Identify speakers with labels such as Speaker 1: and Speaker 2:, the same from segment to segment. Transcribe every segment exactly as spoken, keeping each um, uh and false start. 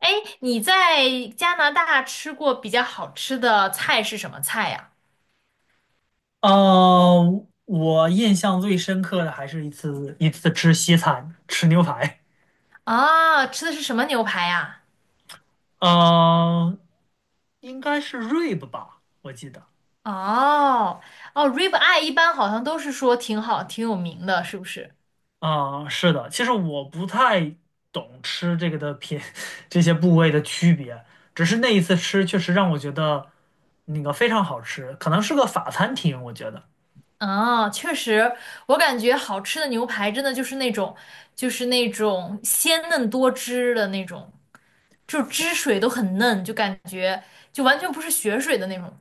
Speaker 1: 哎，你在加拿大吃过比较好吃的菜是什么菜呀？
Speaker 2: 呃，我印象最深刻的还是一次一次吃西餐，吃牛排。
Speaker 1: 啊，吃的是什么牛排呀？
Speaker 2: 呃，应该是 rib 吧，我记得。
Speaker 1: 哦哦，rib eye 一般好像都是说挺好、挺有名的，是不是？
Speaker 2: 啊、是的，其实我不太懂吃这个的品，这些部位的区别，只是那一次吃确实让我觉得那个非常好吃，可能是个法餐厅，我觉得。
Speaker 1: 啊，确实，我感觉好吃的牛排真的就是那种，就是那种鲜嫩多汁的那种，就汁水都很嫩，就感觉就完全不是血水的那种，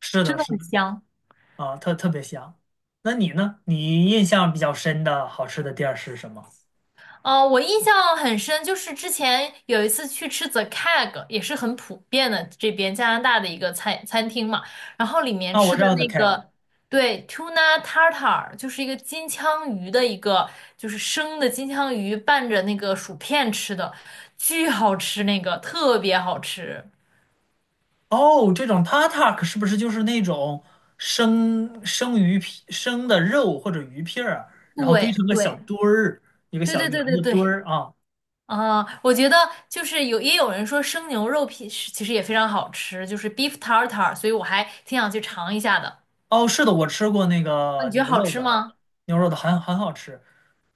Speaker 2: 是
Speaker 1: 真
Speaker 2: 的，
Speaker 1: 的
Speaker 2: 是
Speaker 1: 很
Speaker 2: 的，
Speaker 1: 香。
Speaker 2: 啊、特特别香。那你呢？你印象比较深的好吃的店儿是什么？
Speaker 1: 哦，我印象很深，就是之前有一次去吃 The K E G 也是很普遍的这边加拿大的一个餐餐厅嘛，然后里面
Speaker 2: 啊，我
Speaker 1: 吃
Speaker 2: 知
Speaker 1: 的
Speaker 2: 道 The
Speaker 1: 那
Speaker 2: Keg。
Speaker 1: 个，对，tuna tartar，就是一个金枪鱼的一个，就是生的金枪鱼拌着那个薯片吃的，巨好吃，那个特别好吃。
Speaker 2: 哦，这种 tatak 是不是就是那种生生鱼片、生的肉或者鱼片儿，然后堆
Speaker 1: 对
Speaker 2: 成个小
Speaker 1: 对
Speaker 2: 堆儿，一个
Speaker 1: 对
Speaker 2: 小
Speaker 1: 对
Speaker 2: 圆
Speaker 1: 对对
Speaker 2: 的堆
Speaker 1: 对，
Speaker 2: 儿啊？
Speaker 1: 啊、我觉得就是有也有人说生牛肉片是其实也非常好吃，就是 beef tartar，所以我还挺想去尝一下的。
Speaker 2: 哦，是的，我吃过那
Speaker 1: 啊，
Speaker 2: 个
Speaker 1: 你觉得
Speaker 2: 牛
Speaker 1: 好
Speaker 2: 肉
Speaker 1: 吃
Speaker 2: 的，
Speaker 1: 吗？
Speaker 2: 牛肉的很很好吃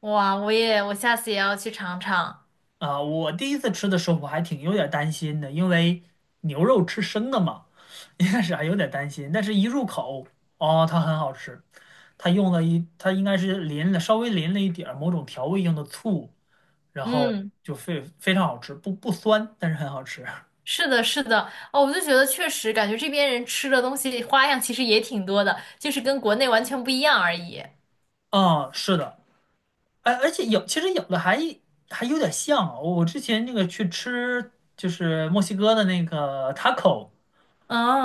Speaker 1: 哇，我也，我下次也要去尝尝。
Speaker 2: 啊。我第一次吃的时候，我还挺有点担心的，因为牛肉吃生的嘛，一开始还有点担心，但是一入口，哦，它很好吃。它用了一，它应该是淋了稍微淋了一点儿某种调味用的醋。然后
Speaker 1: 嗯，
Speaker 2: 就非非常好吃，不不酸，但是很好吃。
Speaker 1: 是的，是的。哦，我就觉得确实感觉这边人吃的东西花样其实也挺多的，就是跟国内完全不一样而已。
Speaker 2: 啊，是的，哎，而且有其实有的还还有点像啊，我之前那个去吃就是墨西哥的那个 taco，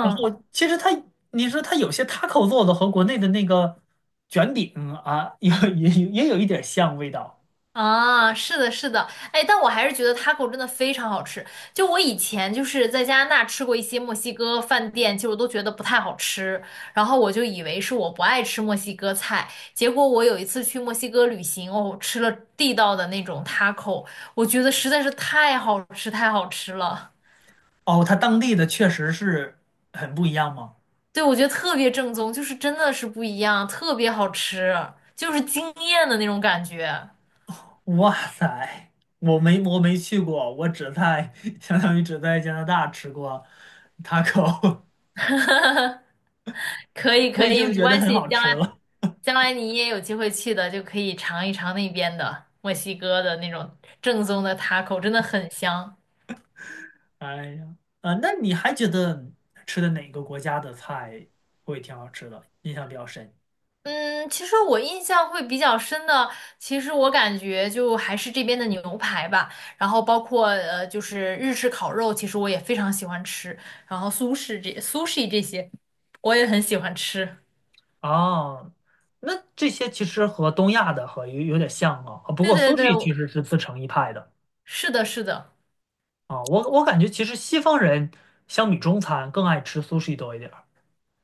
Speaker 2: 然后其实它你说它有些 taco 做的和国内的那个卷饼啊，有也有也有一点像味道。
Speaker 1: 啊，是的，是的，哎，但我还是觉得 taco 真的非常好吃。就我以前就是在加拿大吃过一些墨西哥饭店，其实我都觉得不太好吃，然后我就以为是我不爱吃墨西哥菜，结果我有一次去墨西哥旅行，哦，吃了地道的那种 taco，我觉得实在是太好吃，太好吃了。
Speaker 2: 哦，它当地的确实是很不一样吗？
Speaker 1: 对，我觉得特别正宗，就是真的是不一样，特别好吃，就是惊艳的那种感觉。
Speaker 2: 哇塞，我没我没去过，我只在 相当于只在加拿大吃过 taco，
Speaker 1: 可以
Speaker 2: 我
Speaker 1: 可
Speaker 2: 已
Speaker 1: 以，
Speaker 2: 经
Speaker 1: 没
Speaker 2: 觉得
Speaker 1: 关
Speaker 2: 很
Speaker 1: 系，
Speaker 2: 好
Speaker 1: 将
Speaker 2: 吃
Speaker 1: 来
Speaker 2: 了。
Speaker 1: 将来你也有机会去的，就可以尝一尝那边的墨西哥的那种正宗的 taco，真的很香。
Speaker 2: 哎呀，啊，那你还觉得吃的哪个国家的菜会挺好吃的，印象比较深？
Speaker 1: 嗯，其实我印象会比较深的，其实我感觉就还是这边的牛排吧，然后包括呃，就是日式烤肉，其实我也非常喜欢吃，然后苏式这苏式这些，我也很喜欢吃。
Speaker 2: 啊？那这些其实和东亚的和有有点像啊，啊不
Speaker 1: 对
Speaker 2: 过
Speaker 1: 对对，
Speaker 2: sushi 其实是自成一派的。
Speaker 1: 是的，是的。
Speaker 2: 啊，我我感觉其实西方人相比中餐更爱吃 sushi 多一点儿。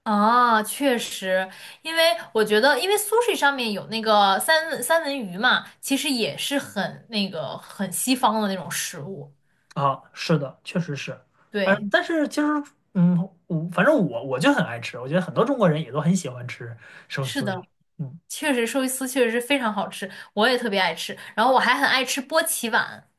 Speaker 1: 啊，确实，因为我觉得，因为 sushi 上面有那个三文三文鱼嘛，其实也是很那个很西方的那种食物。
Speaker 2: 啊，是的，确实是，嗯，
Speaker 1: 对，
Speaker 2: 但是其实，嗯，我反正我我就很爱吃，我觉得很多中国人也都很喜欢吃寿
Speaker 1: 是
Speaker 2: 司这种。
Speaker 1: 的，
Speaker 2: 嗯，
Speaker 1: 确实寿司确实是非常好吃，我也特别爱吃。然后我还很爱吃波奇碗，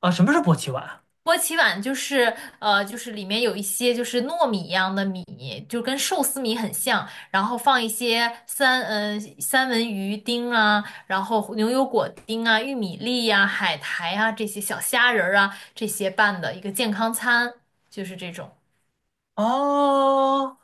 Speaker 2: 啊，什么是波奇碗？
Speaker 1: 波奇碗就是呃，就是里面有一些就是糯米一样的米，就跟寿司米很像，然后放一些三嗯三文鱼丁啊，然后牛油果丁啊、玉米粒呀、海苔啊这些小虾仁儿啊这些拌的一个健康餐，就是这种
Speaker 2: 哦，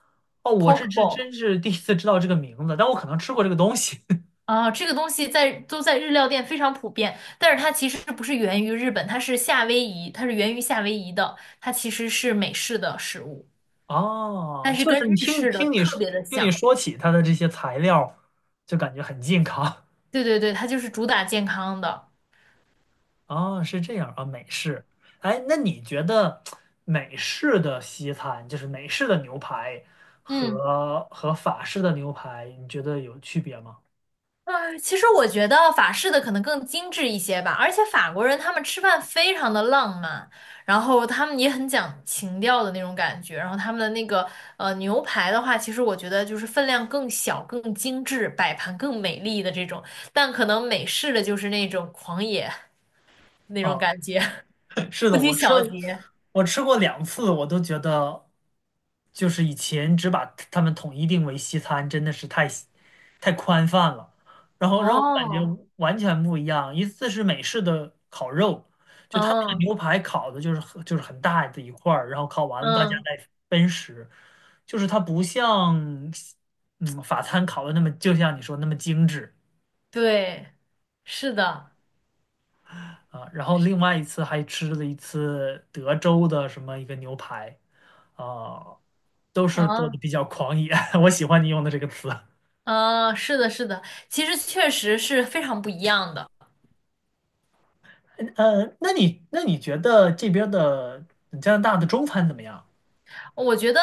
Speaker 2: 哦，我这
Speaker 1: poke
Speaker 2: 这
Speaker 1: bowl
Speaker 2: 真是第一次知道这个名字，但我可能吃过这个东西。
Speaker 1: 啊，这个东西在都在日料店非常普遍，但是它其实不是源于日本，它是夏威夷，它是源于夏威夷的，它其实是美式的食物，
Speaker 2: 哦，
Speaker 1: 但是
Speaker 2: 确实，
Speaker 1: 跟
Speaker 2: 你
Speaker 1: 日
Speaker 2: 听
Speaker 1: 式的
Speaker 2: 听你
Speaker 1: 特
Speaker 2: 说
Speaker 1: 别的
Speaker 2: 听你
Speaker 1: 像。
Speaker 2: 说起它的这些材料，就感觉很健康。
Speaker 1: 对对对，它就是主打健康的。
Speaker 2: 哦，是这样啊，美式。哎，那你觉得美式的西餐，就是美式的牛排
Speaker 1: 嗯，
Speaker 2: 和和法式的牛排，你觉得有区别吗？
Speaker 1: 啊，其实我觉得法式的可能更精致一些吧，而且法国人他们吃饭非常的浪漫，然后他们也很讲情调的那种感觉，然后他们的那个呃牛排的话，其实我觉得就是分量更小、更精致，摆盘更美丽的这种，但可能美式的就是那种狂野那种
Speaker 2: 啊
Speaker 1: 感觉，
Speaker 2: 是
Speaker 1: 不
Speaker 2: 的，
Speaker 1: 拘
Speaker 2: 我吃
Speaker 1: 小节。
Speaker 2: 我吃过两次，我都觉得就是以前只把他们统一定为西餐，真的是太西太宽泛了，然后让我感觉
Speaker 1: 哦，
Speaker 2: 完全不一样。一次是美式的烤肉，就他那个
Speaker 1: 嗯
Speaker 2: 牛排烤的就是很就是很大的一块儿，然后烤完了大家
Speaker 1: 嗯，
Speaker 2: 再分食，就是它不像嗯法餐烤的那么，就像你说那么精致。
Speaker 1: 对，是的，
Speaker 2: 啊，然后另外一次还吃了一次德州的什么一个牛排，啊，都是做
Speaker 1: 啊。
Speaker 2: 的比较狂野，我喜欢你用的这个词。
Speaker 1: 嗯，是的，是的，其实确实是非常不一样的。
Speaker 2: 呃，那你那你觉得这边儿的加拿大的中餐怎么样？
Speaker 1: 我觉得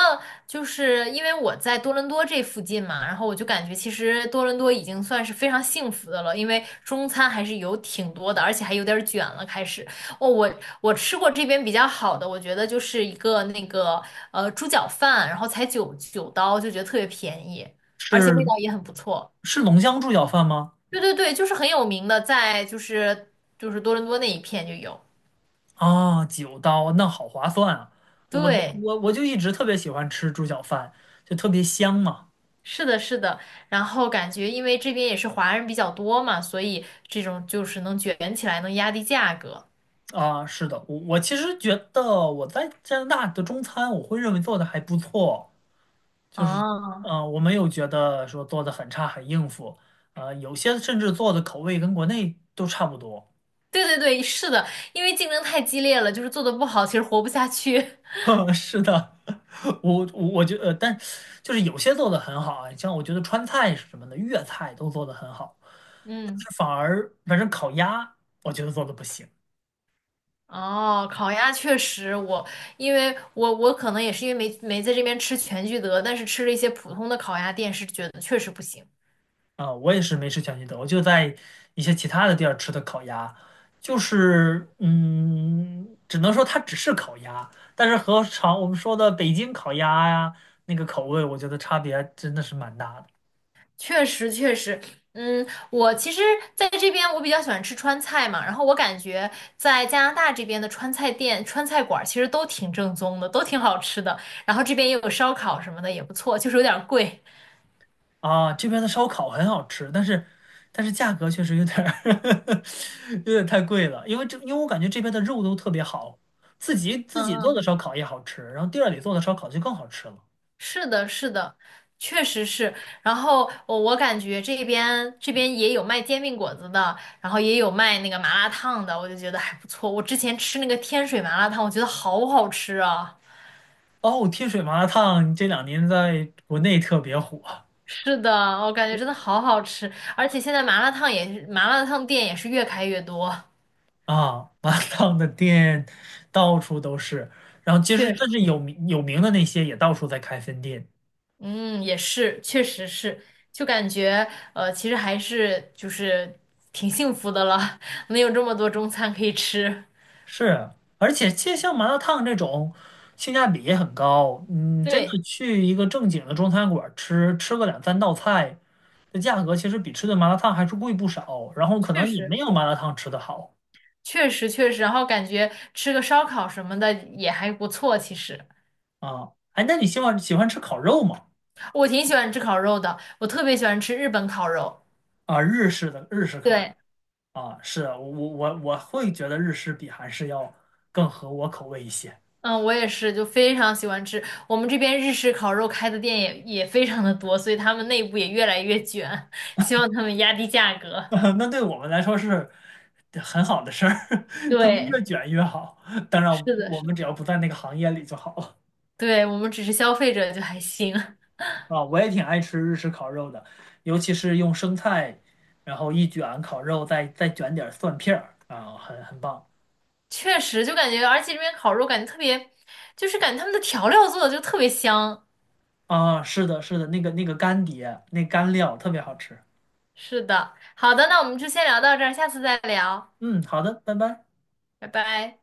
Speaker 1: 就是因为我在多伦多这附近嘛，然后我就感觉其实多伦多已经算是非常幸福的了，因为中餐还是有挺多的，而且还有点儿卷了。开始，哦，我我吃过这边比较好的，我觉得就是一个那个呃猪脚饭，然后才九九刀，就觉得特别便宜，而且味
Speaker 2: 是
Speaker 1: 道也很不错。
Speaker 2: 是浓香猪脚饭吗？
Speaker 1: 对对对，就是很有名的，在就是就是多伦多那一片就有。
Speaker 2: 啊，九刀，那好划算啊！我都
Speaker 1: 对。
Speaker 2: 我我就一直特别喜欢吃猪脚饭，就特别香嘛。
Speaker 1: 是的，是的，然后感觉因为这边也是华人比较多嘛，所以这种就是能卷起来，能压低价格。
Speaker 2: 啊，是的，我我其实觉得我在加拿大的中餐，我会认为做的还不错。就是，
Speaker 1: 哦，
Speaker 2: 呃，我没有觉得说做的很差很应付，呃，有些甚至做的口味跟国内都差不多。
Speaker 1: 对对对，是的，因为竞争太激烈了，就是做的不好，其实活不下去。
Speaker 2: 是的，我我我觉得，但就是有些做的很好啊，像我觉得川菜什么的，粤菜都做的很好，但
Speaker 1: 嗯，
Speaker 2: 是反而反正烤鸭，我觉得做的不行。
Speaker 1: 哦，烤鸭确实我，因为我我可能也是因为没没在这边吃全聚德，但是吃了一些普通的烤鸭店，是觉得确实不行。
Speaker 2: 啊，我也是没吃全聚德，我就在一些其他的地儿吃的烤鸭，就是嗯，只能说它只是烤鸭，但是和常我们说的北京烤鸭呀，那个口味，我觉得差别真的是蛮大的。
Speaker 1: 确实，确实，嗯，我其实在这边我比较喜欢吃川菜嘛，然后我感觉在加拿大这边的川菜店、川菜馆儿其实都挺正宗的，都挺好吃的。然后这边也有烧烤什么的，也不错，就是有点儿贵。
Speaker 2: 啊。这边的烧烤很好吃，但是但是价格确实有点儿 有点太贵了，因为这因为我感觉这边的肉都特别好，自己自己做
Speaker 1: 嗯
Speaker 2: 的
Speaker 1: 嗯，
Speaker 2: 烧烤也好吃，然后店儿里做的烧烤就更好吃了。
Speaker 1: 是的，是的，确实是。然后我我感觉这边这边也有卖煎饼果子的，然后也有卖那个麻辣烫的，我就觉得还不错。我之前吃那个天水麻辣烫，我觉得好好吃啊。
Speaker 2: 哦，天水麻辣烫这两年在国内特别火。
Speaker 1: 是的，我感觉真的好好吃，而且现在麻辣烫也是，麻辣烫店也是越开越多，
Speaker 2: 啊，麻辣烫的店到处都是，然后其实
Speaker 1: 确
Speaker 2: 但
Speaker 1: 实，
Speaker 2: 是有名有名的那些也到处在开分店，
Speaker 1: 嗯，也是，确实是，就感觉呃，其实还是就是挺幸福的了，能有这么多中餐可以吃，
Speaker 2: 是，而且其实像麻辣烫这种性价比也很高，嗯，真
Speaker 1: 对，
Speaker 2: 的去一个正经的中餐馆吃，吃个两三道菜，这价格其实比吃顿麻辣烫还是贵不少，然后可
Speaker 1: 确
Speaker 2: 能也没
Speaker 1: 实。
Speaker 2: 有麻辣烫吃的好。
Speaker 1: 确实确实，然后感觉吃个烧烤什么的也还不错。其实
Speaker 2: 啊，哎，那你喜欢喜欢吃烤肉吗？
Speaker 1: 我挺喜欢吃烤肉的，我特别喜欢吃日本烤肉。
Speaker 2: 啊，日式的日式烤肉。
Speaker 1: 对。
Speaker 2: 啊，是我我我会觉得日式比韩式要更合我口味一些。
Speaker 1: 嗯，我也是，就非常喜欢吃。我们这边日式烤肉开的店也也非常的多，所以他们内部也越来越卷，希望他们压低价格。
Speaker 2: 那对我们来说是很好的事儿，他们越
Speaker 1: 对，
Speaker 2: 卷越好。当然，
Speaker 1: 是的，
Speaker 2: 我
Speaker 1: 是
Speaker 2: 们
Speaker 1: 的，
Speaker 2: 只要不在那个行业里就好了。
Speaker 1: 对，我们只是消费者就还行，
Speaker 2: 啊，我也挺爱吃日式烤肉的，尤其是用生菜，然后一卷烤肉，再再卷点儿蒜片儿啊，很很棒
Speaker 1: 确实就感觉，而且这边烤肉感觉特别，就是感觉他们的调料做的就特别香。
Speaker 2: 啊。是的，是的，那个那个干碟，那干料特别好吃。
Speaker 1: 是的，好的，那我们就先聊到这儿，下次再聊，
Speaker 2: 嗯，好的，拜拜。
Speaker 1: 拜拜。